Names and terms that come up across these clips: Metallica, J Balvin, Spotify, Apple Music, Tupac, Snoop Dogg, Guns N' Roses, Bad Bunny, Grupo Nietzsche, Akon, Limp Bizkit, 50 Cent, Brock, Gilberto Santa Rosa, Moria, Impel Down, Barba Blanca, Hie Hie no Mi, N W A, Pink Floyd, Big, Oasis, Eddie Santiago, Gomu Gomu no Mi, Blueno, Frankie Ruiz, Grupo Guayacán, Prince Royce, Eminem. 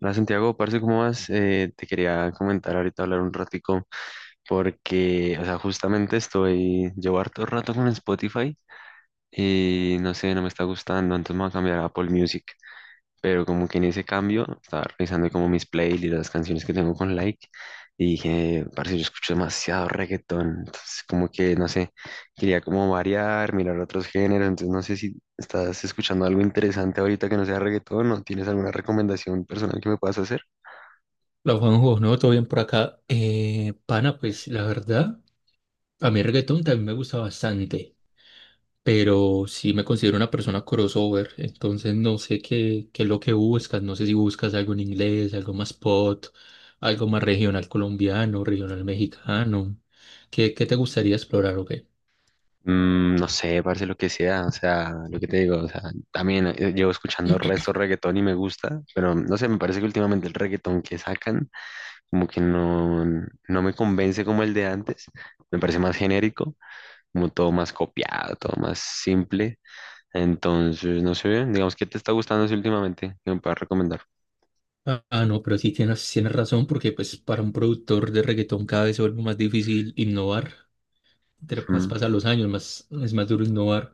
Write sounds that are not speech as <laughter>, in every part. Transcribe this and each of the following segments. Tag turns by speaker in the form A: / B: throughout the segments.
A: Hola Santiago, parce, ¿cómo vas? Te quería comentar ahorita, hablar un ratico, porque, o sea, justamente estoy, llevo harto rato con Spotify y no sé, no me está gustando, entonces me voy a cambiar a Apple Music, pero como que en ese cambio estaba revisando como mis playlists y las canciones que tengo con like y dije, parce, yo escucho demasiado reggaetón, entonces como que, no sé, quería como variar, mirar otros géneros, entonces no sé si estás escuchando algo interesante ahorita que no sea reggaetón o tienes alguna recomendación personal que me puedas hacer.
B: La Juanjo, ¿no? Todo bien por acá. Pana, pues la verdad, a mí el reggaetón también me gusta bastante, pero sí me considero una persona crossover, entonces no sé qué es lo que buscas, no sé si buscas algo en inglés, algo más pop, algo más regional colombiano, regional mexicano, ¿qué te gustaría explorar o qué?
A: No sé, parece lo que sea, o sea, lo que te digo, o sea, también llevo escuchando resto reggaetón y me gusta, pero no sé, me parece que últimamente el reggaetón que sacan como que no, no me convence como el de antes, me parece más genérico, como todo más copiado, todo más simple, entonces, no sé, digamos, ¿qué te está gustando así últimamente? ¿Qué me puedas recomendar?
B: No, pero sí tienes razón porque pues para un productor de reggaetón cada vez se vuelve más difícil innovar. Entre más
A: Mm.
B: pasan los años, más es más duro innovar.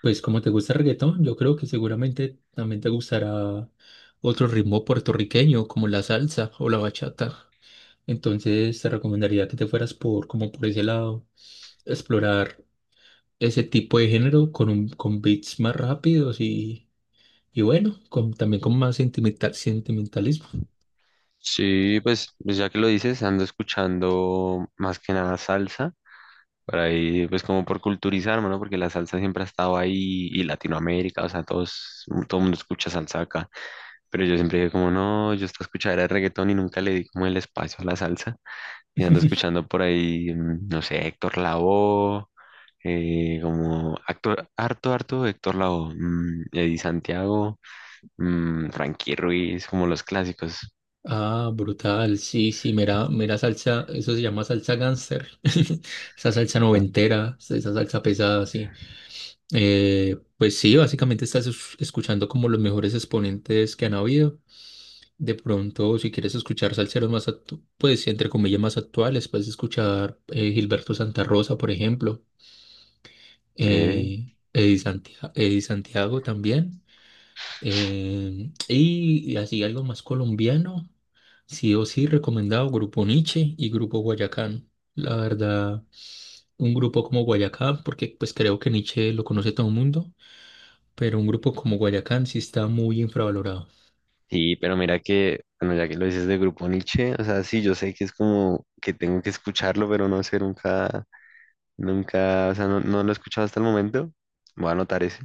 B: Pues como te gusta el reggaetón, yo creo que seguramente también te gustará otro ritmo puertorriqueño como la salsa o la bachata. Entonces te recomendaría que te fueras por como por ese lado, explorar ese tipo de género con beats más rápidos y bueno, con, también con más sentimental, sentimentalismo.
A: Sí, pues ya que lo dices, ando escuchando más que nada salsa. Para ahí, pues como por culturizarme, ¿no? Porque la salsa siempre ha estado ahí y Latinoamérica, o sea, todos, todo el mundo escucha salsa acá. Pero yo siempre dije como, no, yo estaba escuchando el reggaetón y nunca le di como el espacio a la salsa. Y ando
B: <laughs>
A: escuchando por ahí, no sé, Héctor Lavoe, como actor, harto Héctor Lavoe, Eddie Santiago, Frankie Ruiz, como los clásicos.
B: Ah, brutal. Sí, sí, mira, mira salsa, eso se llama salsa gánster. <laughs> Esa salsa noventera, esa salsa pesada, sí. Pues sí, básicamente escuchando como los mejores exponentes que han habido. De pronto, si quieres escuchar salseros más, pues entre comillas más actuales, puedes escuchar Gilberto Santa Rosa, por ejemplo.
A: Ok.
B: Eddie Santiago también. Y así algo más colombiano, sí o sí recomendado Grupo Niche y Grupo Guayacán. La verdad, un grupo como Guayacán, porque pues creo que Niche lo conoce todo el mundo, pero un grupo como Guayacán sí está muy infravalorado.
A: Sí, pero mira que, bueno, ya que lo dices de Grupo Nietzsche, o sea, sí, yo sé que es como que tengo que escucharlo, pero no sé, nunca, o sea, no lo he escuchado hasta el momento. Voy a anotar ese,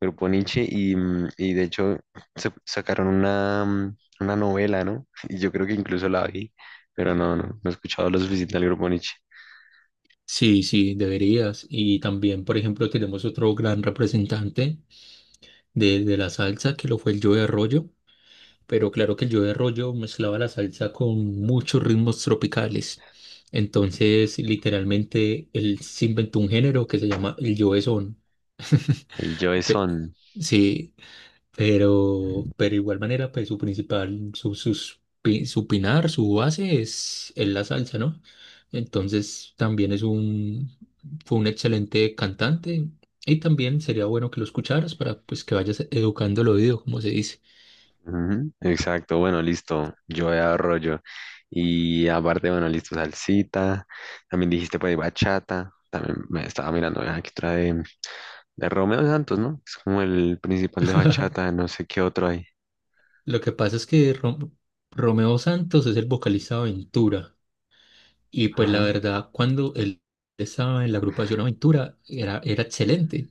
A: Grupo Nietzsche, y, y de hecho sacaron una, una novela, ¿no? <laughs> Y yo creo que incluso la vi, pero no he escuchado lo suficiente al Grupo Nietzsche.
B: Sí, sí, deberías. Y también, por ejemplo, tenemos otro gran representante de la salsa, que lo fue el Joe Arroyo. Pero claro que el yo de rollo mezclaba la salsa con muchos ritmos tropicales. Entonces, literalmente, él se inventó un género que se llama el yo de son.
A: El Joe
B: <laughs> Pe-
A: Son.
B: Sí, pero de igual manera, pues su principal, su pinar, su base es la salsa, ¿no? Entonces también fue un excelente cantante y también sería bueno que lo escucharas para pues que vayas educando el oído, como se dice.
A: Ujú. Exacto, bueno, listo, yo arroyo. Y aparte, bueno, listo, salsita, también dijiste pues bachata, también me estaba mirando aquí otra de Romeo Santos, ¿no? Es como el principal de bachata, no sé qué otro hay.
B: Lo que pasa es que Romeo Santos es el vocalista de Aventura y pues la
A: Ajá,
B: verdad cuando él estaba en la agrupación Aventura era excelente.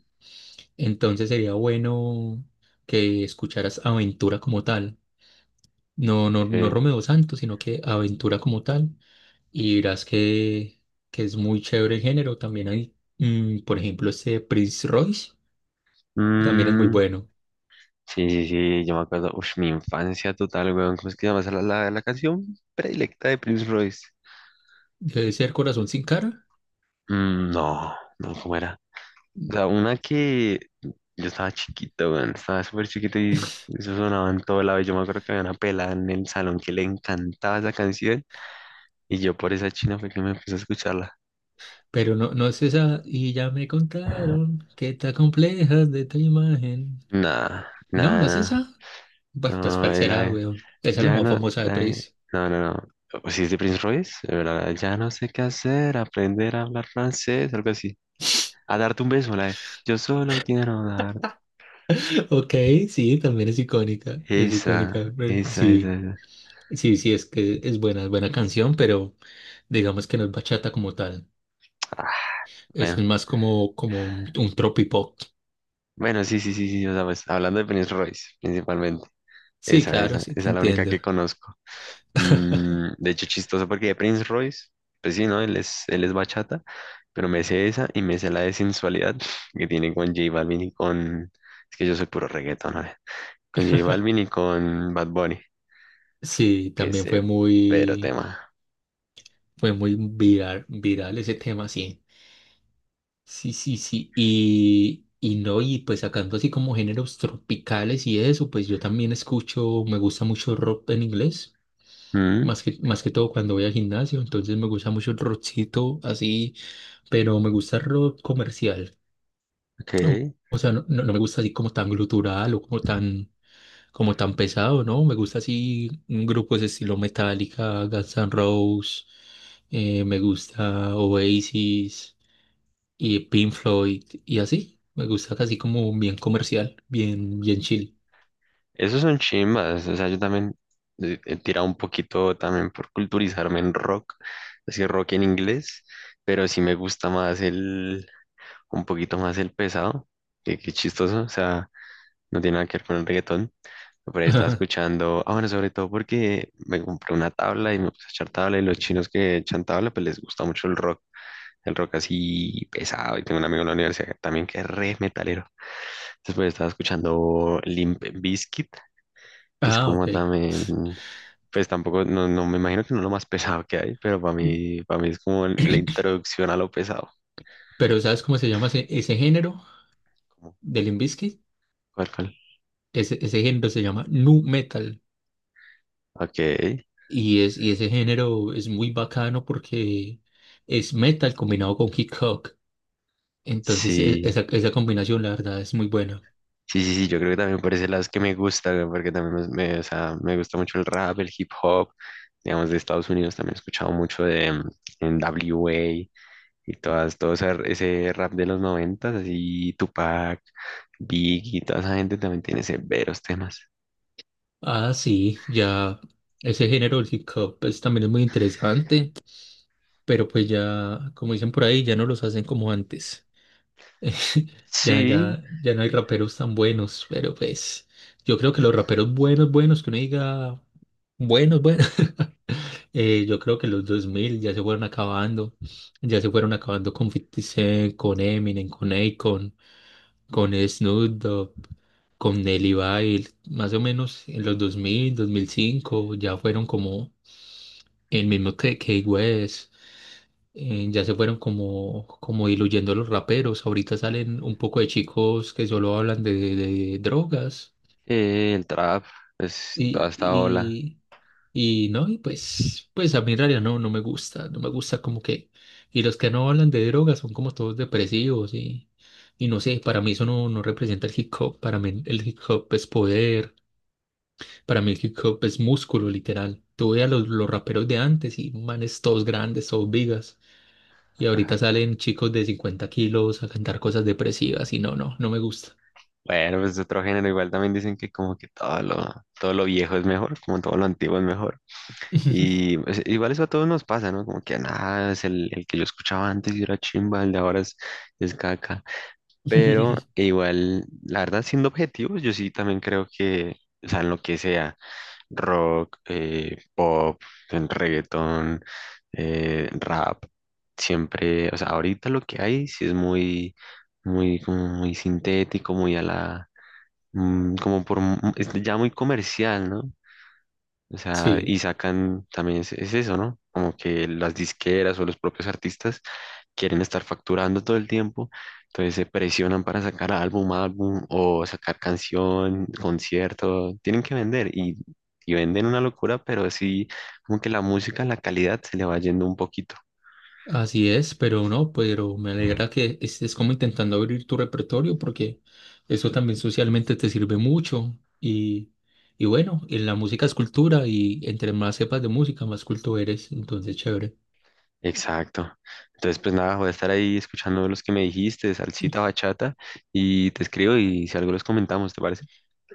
B: Entonces sería bueno que escucharas Aventura como tal. No
A: ok.
B: Romeo Santos, sino que Aventura como tal. Y verás que es muy chévere el género. También hay, mm, por ejemplo, este Prince Royce, también es muy
A: Mm,
B: bueno.
A: sí, sí, sí, yo me acuerdo, uff, mi infancia total, weón, ¿cómo es que llamas la canción predilecta de Prince Royce?
B: Debe ser Corazón sin cara.
A: Mm, no, no, ¿cómo era? O sea, una que yo estaba chiquito, weón, estaba súper chiquito y eso sonaba en todo lado. Y yo me acuerdo que había una pelada en el salón que le encantaba esa canción. Y yo por esa china fue que me empecé a escucharla.
B: Pero no, no es esa. Y ya me contaron que te complejas de tu imagen.
A: Nada,
B: No,
A: nada,
B: no es esa.
A: nada.
B: Bueno, pues
A: No,
B: ¿cuál será, weón? Esa es la
A: ya
B: más
A: no,
B: famosa de Prince.
A: no, no, no. O si es de Prince Royce, la de, ya no sé qué hacer, aprender a hablar francés, algo así. A darte un beso, la de, yo solo quiero dar.
B: <laughs> Ok, sí, también es icónica. Es icónica.
A: Esa,
B: Pero
A: esa, esa,
B: sí,
A: esa.
B: sí, sí, es que es buena canción, pero digamos que no es bachata como tal.
A: Ah,
B: Es
A: bueno,
B: más como, un tropipop.
A: bueno, sí, sí, sí, sí. O sea, pues hablando de Prince Royce, principalmente.
B: Sí,
A: Esa, esa,
B: claro, sí,
A: esa
B: te
A: es la única que
B: entiendo.
A: conozco.
B: <laughs>
A: De hecho, chistoso porque de Prince Royce, pues sí, ¿no? Él es bachata, pero me sé esa y me sé la de sensualidad <laughs> que tiene con J Balvin y con... Es que yo soy puro reggaetón, ¿no? Con J Balvin y con Bad Bunny,
B: Sí,
A: que es
B: también
A: pero tema.
B: fue muy viral, viral ese tema, sí. Sí, sí, sí. Y no, Y pues sacando así como géneros tropicales y eso, pues yo también escucho, me gusta mucho rock en inglés,
A: Mm,
B: más que todo cuando voy al gimnasio, entonces me gusta mucho el rockcito así, pero me gusta el rock comercial.
A: ok.
B: O o sea, no me gusta así como tan glutural o como tan pesado, ¿no? Me gusta así mm, grupos de estilo Metallica, Guns N' Roses, me gusta Oasis y Pink Floyd y así. Me gusta casi como bien comercial, bien, bien chill.
A: Esos son chimbas, o sea, yo también he tirado un poquito también por culturizarme en rock, así rock en inglés, pero sí me gusta más el un poquito más el pesado, que qué chistoso, o sea, no tiene nada que ver con el reggaetón, pero
B: <laughs>
A: ahí estaba
B: Ajá.
A: escuchando, ah, bueno, sobre todo porque me compré una tabla y me puse a echar tabla y los chinos que echan tabla, pues les gusta mucho el rock así pesado, y tengo un amigo en la universidad también que es re metalero, después estaba escuchando Limp Bizkit, que es
B: Ah, ok.
A: como también... Pues tampoco, no me imagino que no es lo más pesado que hay, pero para mí es como la introducción a lo pesado.
B: Pero ¿sabes cómo se llama ese género
A: Como,
B: del Limp Bizkit?
A: ¿cuál?
B: Ese género se llama nu metal
A: Ok,
B: y ese género es muy bacano porque es metal combinado con hip hop. Entonces
A: sí.
B: esa combinación la verdad es muy buena.
A: Sí, sí, sí, yo creo que también por ese lado es que me gusta, güey, porque también o sea, me gusta mucho el rap, el hip hop, digamos, de Estados Unidos también he escuchado mucho de NWA y todas, todo ese, ese rap de los noventas, así Tupac, Big y toda esa gente también tiene severos temas.
B: Ah, sí, ya ese género del hip hop pues, también es muy interesante, pero pues ya, como dicen por ahí, ya no los hacen como antes.
A: Sí,
B: Ya no hay raperos tan buenos, pero pues yo creo que los raperos buenos, buenos, que uno diga buenos, buenos, <laughs> yo creo que los 2000 ya se fueron acabando, ya se fueron acabando con 50 Cent, con Eminem, con Akon, con Snoop Dogg, con Nelly Bail, más o menos en los 2005 ya fueron como el mismo que Kanye West, ya se fueron como, como diluyendo los raperos. Ahorita salen un poco de chicos que solo hablan de drogas.
A: el trap, pues toda
B: Y,
A: esta ola.
B: y, y no, Y pues, pues a mí en realidad no, no me gusta. No me gusta como que. Y los que no hablan de drogas son como todos depresivos y no sé, para mí eso no, no representa el hip hop. Para mí el hip hop es poder. Para mí el hip hop es músculo, literal. Tú ve a los raperos de antes y manes todos grandes, todos vigas. Y ahorita salen chicos de 50 kilos a cantar cosas depresivas y no me gusta.
A: Bueno, pues otro género, igual también dicen que como que todo lo viejo es mejor, como todo lo antiguo es mejor.
B: <laughs>
A: Y pues, igual eso a todos nos pasa, ¿no? Como que nada, es el que yo escuchaba antes y era chimba, el de ahora es caca. Pero igual, la verdad, siendo objetivos, yo sí también creo que, o sea, en lo que sea, rock, pop, en reggaetón, rap, siempre, o sea, ahorita lo que hay sí es como muy sintético, muy a la, como es ya muy comercial, ¿no? O sea,
B: Sí,
A: y sacan también es eso, ¿no? Como que las disqueras o los propios artistas quieren estar facturando todo el tiempo, entonces se presionan para sacar álbum, álbum o sacar canción, concierto, tienen que vender y venden una locura, pero sí, como que la música, la calidad se le va yendo un poquito.
B: así es, pero no, pero me alegra que estés como intentando abrir tu repertorio porque eso también socialmente te sirve mucho y bueno, en la música es cultura y entre más sepas de música, más culto eres, entonces chévere.
A: Exacto. Entonces, pues nada, voy a estar ahí escuchando los que me dijiste, salsita, bachata, y te escribo y si algo los comentamos, ¿te parece?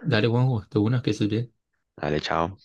B: Dale, Juanjo, de una, que estés bien.
A: Dale, chao.